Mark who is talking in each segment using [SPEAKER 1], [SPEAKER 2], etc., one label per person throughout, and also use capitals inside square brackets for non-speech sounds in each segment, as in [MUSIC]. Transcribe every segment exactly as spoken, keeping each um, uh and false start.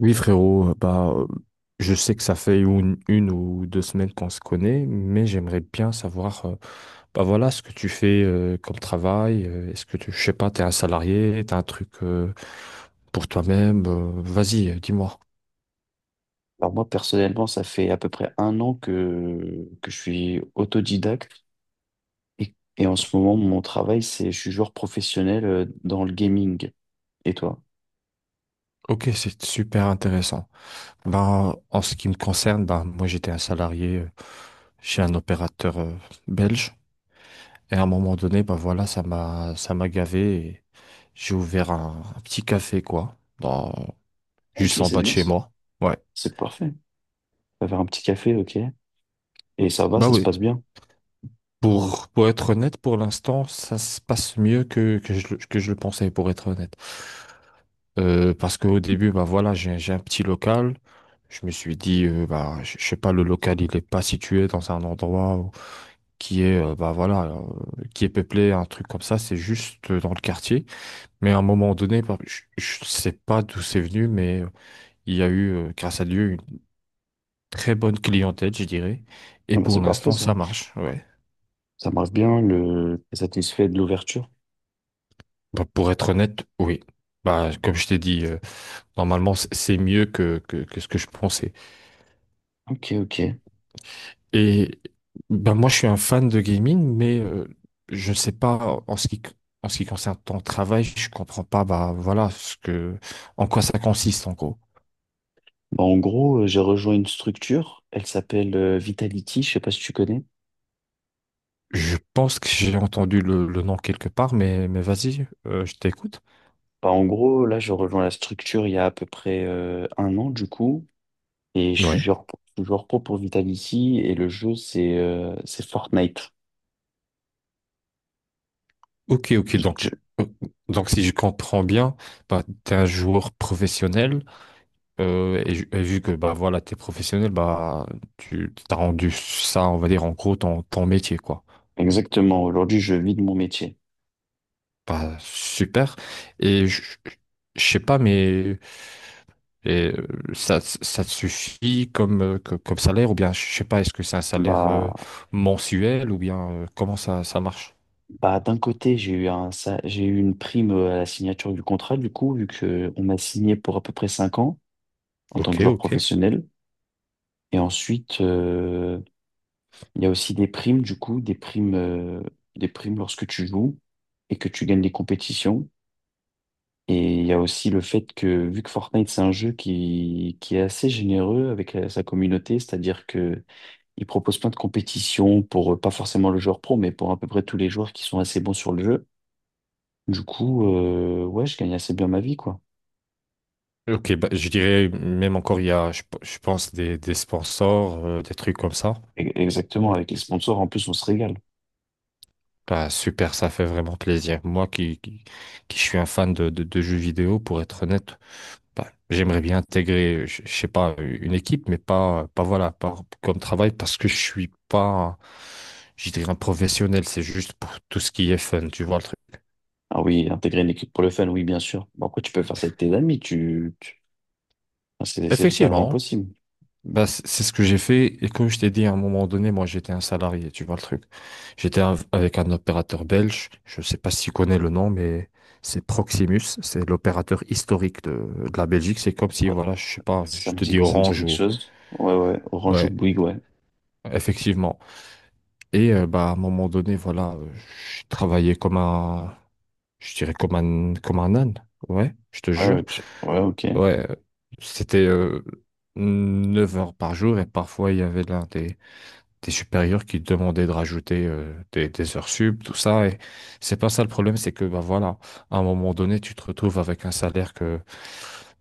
[SPEAKER 1] Oui, frérot, euh, bah, euh, je sais que ça fait une, une ou deux semaines qu'on se connaît, mais j'aimerais bien savoir, euh, bah voilà, ce que tu fais euh, comme travail. euh, Est-ce que tu, je sais pas, t'es un salarié, t'as un truc euh, pour toi-même. Euh, vas-y, euh, dis-moi.
[SPEAKER 2] Alors moi, personnellement, ça fait à peu près un an que, que je suis autodidacte et, et en ce moment, mon travail, c'est je suis joueur professionnel euh, dans le gaming. Et toi?
[SPEAKER 1] Ok, c'est super intéressant. Ben, en ce qui me concerne, ben, moi j'étais un salarié euh, chez un opérateur euh, belge. Et à un moment donné, ben voilà, ça m'a ça m'a gavé et j'ai ouvert un, un petit café, quoi. Dans-
[SPEAKER 2] Ok,
[SPEAKER 1] juste en
[SPEAKER 2] c'est
[SPEAKER 1] bas de
[SPEAKER 2] bien
[SPEAKER 1] chez
[SPEAKER 2] ça.
[SPEAKER 1] moi. Ouais.
[SPEAKER 2] C'est parfait. On va faire un petit café, ok? Et ça va,
[SPEAKER 1] Bah
[SPEAKER 2] ça se
[SPEAKER 1] oui.
[SPEAKER 2] passe bien.
[SPEAKER 1] Pour, pour être honnête, pour l'instant, ça se passe mieux que, que je, le- que je le pensais, pour être honnête. Euh, parce qu'au début, bah voilà, j'ai, j'ai un petit local. Je me suis dit, euh, bah, je je sais pas, le local, il est pas situé dans un endroit où- qui est, euh, bah voilà, euh, qui est peuplé, un truc comme ça, c'est juste euh, dans le quartier. Mais à un moment donné, bah, je, je sais pas d'où c'est venu, mais euh, il y a eu, euh, grâce à Dieu, une très bonne clientèle, je dirais. Et
[SPEAKER 2] Ah bah, c'est
[SPEAKER 1] pour
[SPEAKER 2] parfait
[SPEAKER 1] l'instant,
[SPEAKER 2] ça.
[SPEAKER 1] ça marche. Ouais.
[SPEAKER 2] Ça marche bien, le... t'es satisfait de l'ouverture.
[SPEAKER 1] Bah, pour être honnête, oui. Bah, comme je t'ai dit, euh, normalement, c- c'est mieux que, que, que ce que je pensais.
[SPEAKER 2] Ok, ok.
[SPEAKER 1] Et bah, moi, je suis un fan de gaming, mais euh, je ne sais pas, en ce qui, en ce qui concerne ton travail, je comprends pas, bah, voilà, ce que, en quoi ça consiste, en gros.
[SPEAKER 2] Bah, en gros, euh, j'ai rejoint une structure, elle s'appelle euh, Vitality, je sais pas si tu connais.
[SPEAKER 1] Je pense que j'ai entendu le, le nom quelque part, mais, mais vas-y, euh, je t'écoute.
[SPEAKER 2] Bah, en gros, là, je rejoins la structure il y a à peu près euh, un an du coup, et je suis
[SPEAKER 1] Ouais.
[SPEAKER 2] joueur, pro- je suis joueur pro pour Vitality, et le jeu, c'est euh, c'est Fortnite.
[SPEAKER 1] Ok, ok.
[SPEAKER 2] Je- je-
[SPEAKER 1] Donc, euh, donc si je comprends bien, bah, tu es un joueur professionnel. Euh, et, ju- et vu que bah voilà, t'es professionnel, bah tu t'as rendu ça, on va dire en gros ton, ton métier quoi.
[SPEAKER 2] Exactement, aujourd'hui, je vis de mon métier.
[SPEAKER 1] Bah super. Et je je sais pas, mais et, euh, ça ça te suffit comme euh, co- comme salaire ou bien je sais pas, est-ce que c'est un salaire euh,
[SPEAKER 2] Bah,
[SPEAKER 1] mensuel ou bien euh, comment ça ça marche?
[SPEAKER 2] bah, d'un côté, j'ai eu un, sa- j'ai eu une prime euh, à la signature du contrat, du coup, vu que on m'a signé pour à peu près cinq ans en tant
[SPEAKER 1] Ok,
[SPEAKER 2] que joueur
[SPEAKER 1] ok.
[SPEAKER 2] professionnel. Et ensuite, euh, il y a aussi des primes, du coup, des primes, euh, des primes lorsque tu joues et que tu gagnes des compétitions. Et il y a aussi le fait que, vu que Fortnite, c'est un jeu qui, qui est assez généreux avec euh, sa communauté, c'est-à-dire que il propose plein de compétitions pour, euh, pas forcément le joueur pro, mais pour à peu près tous les joueurs qui sont assez bons sur le jeu. Du coup, euh, ouais, je gagne assez bien ma vie, quoi.
[SPEAKER 1] Ok, bah, je dirais même encore il y a, je, p- je pense des des sponsors, euh, des trucs comme ça.
[SPEAKER 2] E- Exactement, avec les sponsors, en plus, on se régale.
[SPEAKER 1] Bah, super, ça fait vraiment plaisir. Moi qui, qui, qui suis un fan de, de, de jeux vidéo, pour être honnête, bah, j'aimerais bien intégrer, je, je sais pas, une équipe, mais pas, pas voilà, pas comme travail parce que je suis pas, je dirais, un professionnel. C'est juste pour tout ce qui est fun, tu vois le truc.
[SPEAKER 2] Ah oui, intégrer une équipe pour le fun, oui, bien sûr. Bon, après, tu peux faire ça avec tes amis, tu, tu- enfin, c'est c'est totalement
[SPEAKER 1] Effectivement.
[SPEAKER 2] possible.
[SPEAKER 1] Bah, c- c'est ce que j'ai fait. Et comme je t'ai dit, à un moment donné, moi, j'étais un salarié, tu vois le truc. J'étais av- avec un opérateur belge. Je sais pas si tu connais le nom, mais c'est Proximus. C'est l'opérateur historique de, de la Belgique. C'est comme si, voilà, je sais pas,
[SPEAKER 2] Ça
[SPEAKER 1] je
[SPEAKER 2] me
[SPEAKER 1] te
[SPEAKER 2] dit,
[SPEAKER 1] dis
[SPEAKER 2] ça me dit
[SPEAKER 1] Orange
[SPEAKER 2] quelque
[SPEAKER 1] ou...
[SPEAKER 2] chose. Ouais, ouais, Orange ou
[SPEAKER 1] Ouais,
[SPEAKER 2] Bouygues, ouais.
[SPEAKER 1] effectivement. Et euh, bah, à un moment donné, voilà, euh, je travaillais comme un... Je dirais comme un, comme un âne. Ouais, je te
[SPEAKER 2] Ouais,
[SPEAKER 1] jure.
[SPEAKER 2] ouais, tu- ouais, ok.
[SPEAKER 1] Ouais, euh, C'était... euh, neuf heures par jour et parfois il y avait l'un des, des supérieurs qui te demandaient de rajouter euh, des, des heures sub, tout ça. Et c'est pas ça le problème, c'est que bah voilà, à un moment donné, tu te retrouves avec un salaire que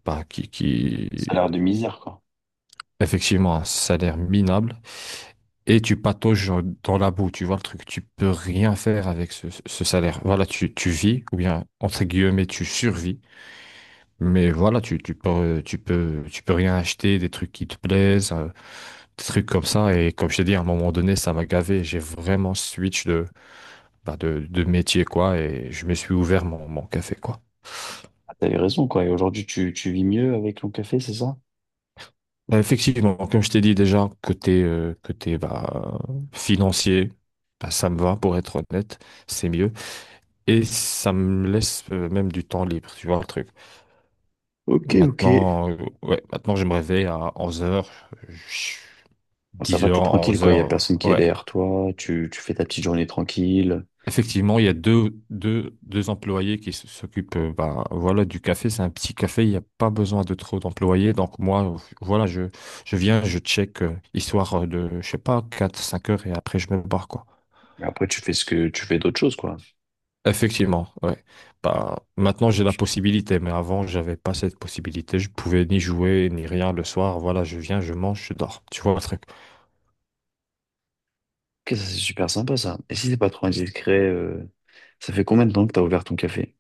[SPEAKER 1] bah, qui, qui
[SPEAKER 2] Ça a l'air de misère, quoi.
[SPEAKER 1] effectivement un salaire minable et tu patauges dans la boue, tu vois le truc, tu peux rien faire avec ce, ce salaire. Voilà, tu, tu vis, ou bien entre guillemets, tu survis, mais voilà, tu, tu peux, tu peux, tu peux rien acheter, des trucs qui te plaisent, euh, des trucs comme ça. Et comme je t'ai dit, à un moment donné, ça m'a gavé. J'ai vraiment switch de, bah, de, de métier, quoi, et je me suis ouvert mon, mon café, quoi.
[SPEAKER 2] Ah, t'avais raison, quoi. Et aujourd'hui, tu, tu vis mieux avec ton café, c'est ça?
[SPEAKER 1] Bah, effectivement, comme je t'ai dit déjà, côté, euh, côté bah, financier, bah, ça me va, pour être honnête, c'est mieux. Et ça me laisse euh, même du temps libre, tu vois le truc.
[SPEAKER 2] Ok, ok.
[SPEAKER 1] Maintenant, euh, ouais, maintenant je me réveille à onze heures,
[SPEAKER 2] Bon, ça
[SPEAKER 1] dix
[SPEAKER 2] va, t'es
[SPEAKER 1] heures
[SPEAKER 2] tranquille,
[SPEAKER 1] onze
[SPEAKER 2] quoi. Il y a
[SPEAKER 1] heures
[SPEAKER 2] personne qui est
[SPEAKER 1] Ouais.
[SPEAKER 2] derrière toi. Tu, tu fais ta petite journée tranquille.
[SPEAKER 1] Effectivement, il y a deux, deux, deux employés qui s- s'occupent euh, bah, voilà, du café. C'est un petit café, il n'y a pas besoin de trop d'employés. Donc moi, voilà, je, je viens, je check, euh, histoire euh, de, je sais pas, quatre cinq heures et après je me barre, quoi.
[SPEAKER 2] Et après, tu fais ce que, tu fais d'autres choses, quoi.
[SPEAKER 1] Effectivement, ouais. Bah, maintenant j'ai la possibilité, mais avant j'avais pas cette possibilité. Je pouvais ni jouer ni rien le soir. Voilà, je viens, je mange, je dors. Tu vois le truc?
[SPEAKER 2] Ok, ça, c'est super sympa, ça. Et si c'est pas trop indiscret, euh, ça fait combien de temps que t'as ouvert ton café?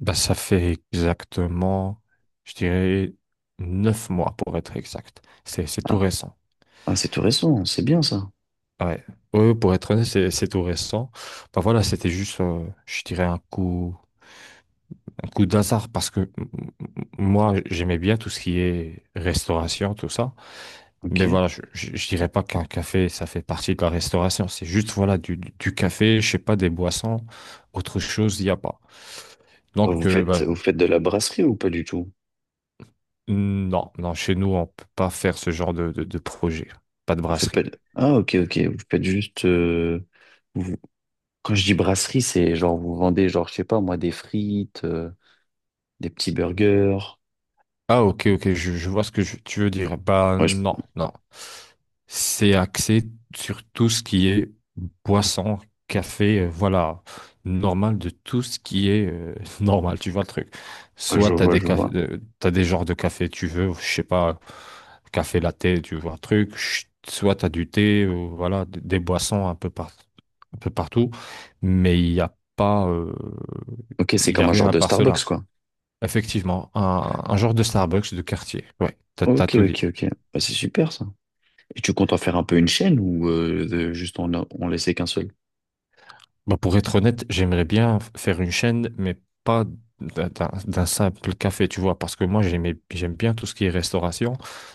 [SPEAKER 1] Bah, ça fait exactement, je dirais, neuf mois pour être exact. C'est, c'est
[SPEAKER 2] Ah,
[SPEAKER 1] tout récent.
[SPEAKER 2] ah, c'est tout récent. C'est bien, ça.
[SPEAKER 1] Ouais. Ouais, pour être honnête, c'est c'est tout récent. Bah voilà, c'était juste, euh, je dirais, un coup, un coup d'hasard parce que m- m- moi, j'aimais bien tout ce qui est restauration, tout ça. Mais
[SPEAKER 2] Ok.
[SPEAKER 1] voilà, je, je, je dirais pas qu'un café, ça fait partie de la restauration. C'est juste, voilà, du, du du café, je sais pas, des boissons, autre chose, il n'y a pas. Donc,
[SPEAKER 2] Vous
[SPEAKER 1] euh,
[SPEAKER 2] faites,
[SPEAKER 1] bah,
[SPEAKER 2] vous faites de la brasserie ou pas du tout?
[SPEAKER 1] non, non, chez nous, on peut pas faire ce genre de, de, de projet. Pas de
[SPEAKER 2] Vous faites pas
[SPEAKER 1] brasserie.
[SPEAKER 2] de... Ah, ok, ok. Vous faites juste... euh, vous- Quand je dis brasserie, c'est genre vous vendez, genre, je sais pas, moi, des frites, euh, des petits burgers.
[SPEAKER 1] Ah, ok, ok, je, je vois ce que je- tu veux dire. Bah,
[SPEAKER 2] Ouais, je...
[SPEAKER 1] non, non. C'est axé sur tout ce qui est boisson, café, euh, voilà, normal de tout ce qui est euh, [LAUGHS] normal, tu vois le truc.
[SPEAKER 2] ouais, je
[SPEAKER 1] Soit t'as
[SPEAKER 2] vois,
[SPEAKER 1] des
[SPEAKER 2] je
[SPEAKER 1] cafés,
[SPEAKER 2] vois.
[SPEAKER 1] euh, t'as des genres de café tu veux, je sais pas, café latte, tu vois le truc. Ch- Soit t'as du thé, ou voilà, d- des boissons un peu par- un peu partout, mais il n'y a pas, euh,
[SPEAKER 2] Ok, c'est
[SPEAKER 1] il y a
[SPEAKER 2] comme un
[SPEAKER 1] rien
[SPEAKER 2] genre
[SPEAKER 1] à
[SPEAKER 2] de
[SPEAKER 1] part
[SPEAKER 2] Starbucks,
[SPEAKER 1] cela.
[SPEAKER 2] quoi.
[SPEAKER 1] Effectivement, un, un genre de Starbucks de quartier. Ouais, t'as, t'as
[SPEAKER 2] Ok,
[SPEAKER 1] tout dit.
[SPEAKER 2] ok, ok. Bah, c'est super, ça. Et tu comptes en faire un peu une chaîne ou euh, de- juste on, a- on laissait qu'un seul?
[SPEAKER 1] Bah, pour être honnête, j'aimerais bien f- faire une chaîne, mais pas d'un d'un- d'un simple café, tu vois, parce que moi, j'aimais, j'aime bien tout ce qui est restauration.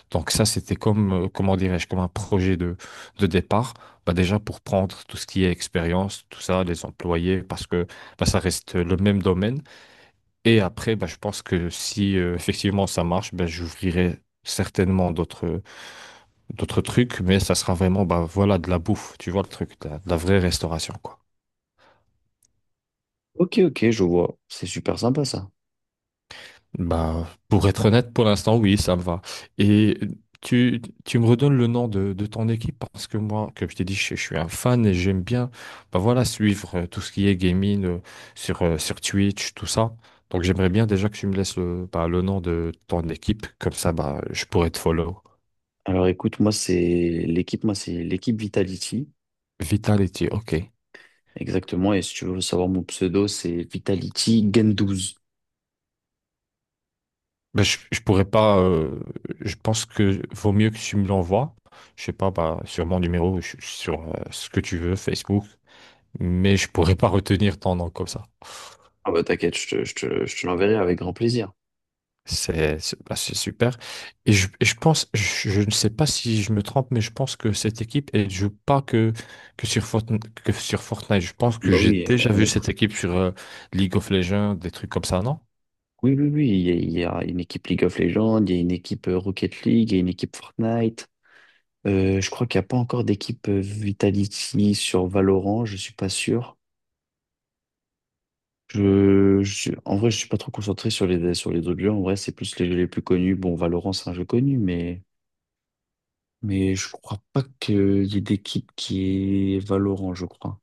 [SPEAKER 1] Donc ça, c'était comme, euh, comment dirais-je, comme un projet de, de départ. Bah, déjà, pour prendre tout ce qui est expérience, tout ça, les employés, parce que bah, ça reste le même domaine. Et après, bah, je pense que si euh, effectivement ça marche, bah, j'ouvrirai certainement d'autres d'autres trucs, mais ça sera vraiment bah, voilà, de la bouffe, tu vois le truc, de la, de la vraie restauration, quoi.
[SPEAKER 2] Ok, ok, je vois. C'est super sympa, ça.
[SPEAKER 1] Bah, pour être honnête, pour l'instant, oui, ça me va. Et tu, tu me redonnes le nom de, de ton équipe parce que moi, comme je t'ai dit, je, je suis un fan et j'aime bien bah, voilà, suivre euh, tout ce qui est gaming euh, sur, euh, sur Twitch, tout ça. Donc j'aimerais bien déjà que tu me laisses le, bah, le nom de ton équipe, comme ça bah, je pourrais te follow.
[SPEAKER 2] Alors, écoute, moi, c'est l'équipe, moi, c'est l'équipe Vitality.
[SPEAKER 1] Vitality, ok.
[SPEAKER 2] Exactement. Et si tu veux savoir mon pseudo, c'est Vitality Gen.
[SPEAKER 1] Ben, je, je pourrais pas. Euh, je pense que vaut mieux que tu me l'envoies. Je sais pas, bah, sur mon numéro, je- je- sur euh, ce que tu veux, Facebook. Mais je pourrais pas retenir ton nom comme ça.
[SPEAKER 2] Ah bah t'inquiète, je te, je te, je te l'enverrai avec grand plaisir.
[SPEAKER 1] C'est c'est- bah, c'est super. Et je, et je pense, je, je ne sais pas si je me trompe, mais je pense que cette équipe, elle joue pas que, que sur Fortnite, que sur Fortnite. Je pense que
[SPEAKER 2] Bah
[SPEAKER 1] j'ai
[SPEAKER 2] oui,
[SPEAKER 1] déjà
[SPEAKER 2] on
[SPEAKER 1] vu
[SPEAKER 2] est prêt.
[SPEAKER 1] cette équipe sur euh, League of Legends, des trucs comme ça, non?
[SPEAKER 2] Oui, oui, oui, il y a, il y a une équipe League of Legends, il y a une équipe euh, Rocket League, il y a une équipe Fortnite. Euh, je crois qu'il n'y a pas encore d'équipe euh, Vitality sur Valorant, je suis pas sûr. Je, je suis- en vrai, je suis pas trop concentré sur les, sur les autres jeux. En vrai, c'est plus les jeux les plus connus. Bon, Valorant, c'est un jeu connu, mais, mais je crois pas qu'il y ait d'équipe qui est Valorant, je crois.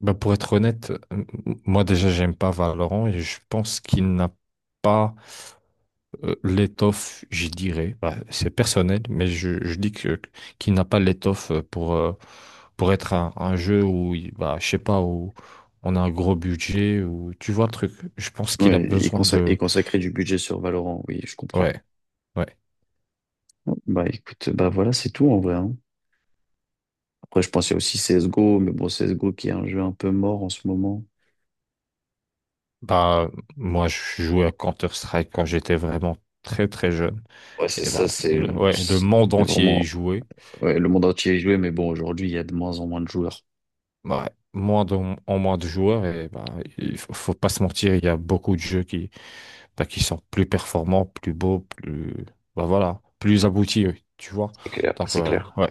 [SPEAKER 1] Bah, pour être honnête, euh, moi déjà j'aime pas Valorant et je pense qu'il n'a pas euh, l'étoffe, je dirais. Bah, c'est personnel, mais je, je dis que qu'il n'a pas l'étoffe euh, pour euh, pour être un, un jeu où il- bah je sais pas où on a un gros budget ou tu vois le truc. Je pense qu'il a
[SPEAKER 2] Ouais, et,
[SPEAKER 1] besoin
[SPEAKER 2] consa- et
[SPEAKER 1] de
[SPEAKER 2] consacrer du budget sur Valorant, oui, je comprends.
[SPEAKER 1] ouais. Ouais.
[SPEAKER 2] Bah écoute, bah voilà, c'est tout en vrai. Hein. Après, je pensais aussi C S G O, mais bon, C S G O qui est un jeu un peu mort en ce moment.
[SPEAKER 1] Bah moi je jouais à Counter-Strike quand j'étais vraiment très très jeune
[SPEAKER 2] Ouais, c'est
[SPEAKER 1] et bah
[SPEAKER 2] ça, c'est
[SPEAKER 1] le- ouais le monde
[SPEAKER 2] c'est
[SPEAKER 1] entier y
[SPEAKER 2] vraiment.
[SPEAKER 1] jouait.
[SPEAKER 2] Ouais, le monde entier y jouait, mais bon, aujourd'hui, il y a de moins en moins de joueurs.
[SPEAKER 1] Ouais, moins de, en moins de joueurs et bah, il faut, faut pas se mentir, il y a beaucoup de jeux qui, bah, qui sont plus performants, plus beaux, plus bah, voilà, plus aboutis, oui, tu vois.
[SPEAKER 2] C'est clair,
[SPEAKER 1] Donc
[SPEAKER 2] c'est
[SPEAKER 1] euh,
[SPEAKER 2] clair.
[SPEAKER 1] ouais,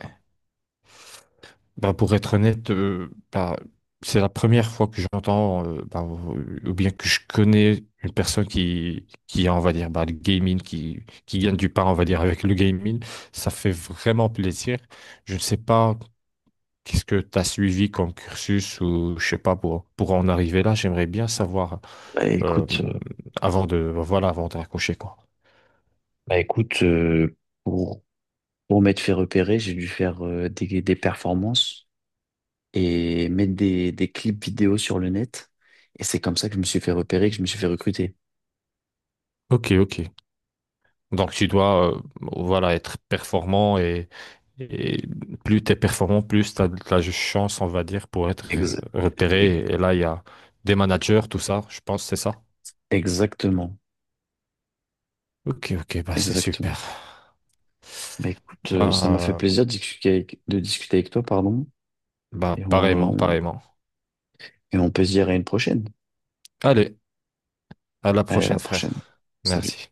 [SPEAKER 1] bah, pour être honnête, euh, bah, c'est la première fois que j'entends euh, bah, ou ou bien que je connais une personne qui qui a, on va dire bah, le gaming qui qui gagne du pain, on va dire avec le gaming, ça fait vraiment plaisir. Je ne sais pas qu'est-ce que tu as suivi comme cursus ou je sais pas pour, pour en arriver là, j'aimerais bien savoir
[SPEAKER 2] Bah
[SPEAKER 1] euh,
[SPEAKER 2] écoute, euh,
[SPEAKER 1] avant de voilà avant de raccrocher quoi.
[SPEAKER 2] bah, écoute euh, pour, pour m'être fait repérer, j'ai dû faire euh, des, des performances et mettre des, des clips vidéo sur le net. Et c'est comme ça que je me suis fait repérer, que je me suis fait recruter.
[SPEAKER 1] Ok, ok. Donc tu dois euh, voilà être performant et, et plus tu es performant, plus tu as de la chance, on va dire, pour être
[SPEAKER 2] Ex- ex-
[SPEAKER 1] repéré. Et là, il y a des managers, tout ça, je pense, c'est ça.
[SPEAKER 2] exactement,
[SPEAKER 1] Ok, ok, bah c'est
[SPEAKER 2] exactement.
[SPEAKER 1] super.
[SPEAKER 2] Bah écoute, euh, ça m'a fait
[SPEAKER 1] Bah,
[SPEAKER 2] plaisir de discuter avec, de discuter avec toi, pardon.
[SPEAKER 1] Bah
[SPEAKER 2] Et on,
[SPEAKER 1] pareillement,
[SPEAKER 2] on-
[SPEAKER 1] pareillement.
[SPEAKER 2] et on peut se dire à une prochaine.
[SPEAKER 1] Allez, à la
[SPEAKER 2] Allez, à la
[SPEAKER 1] prochaine,
[SPEAKER 2] prochaine.
[SPEAKER 1] frère.
[SPEAKER 2] Salut.
[SPEAKER 1] Merci.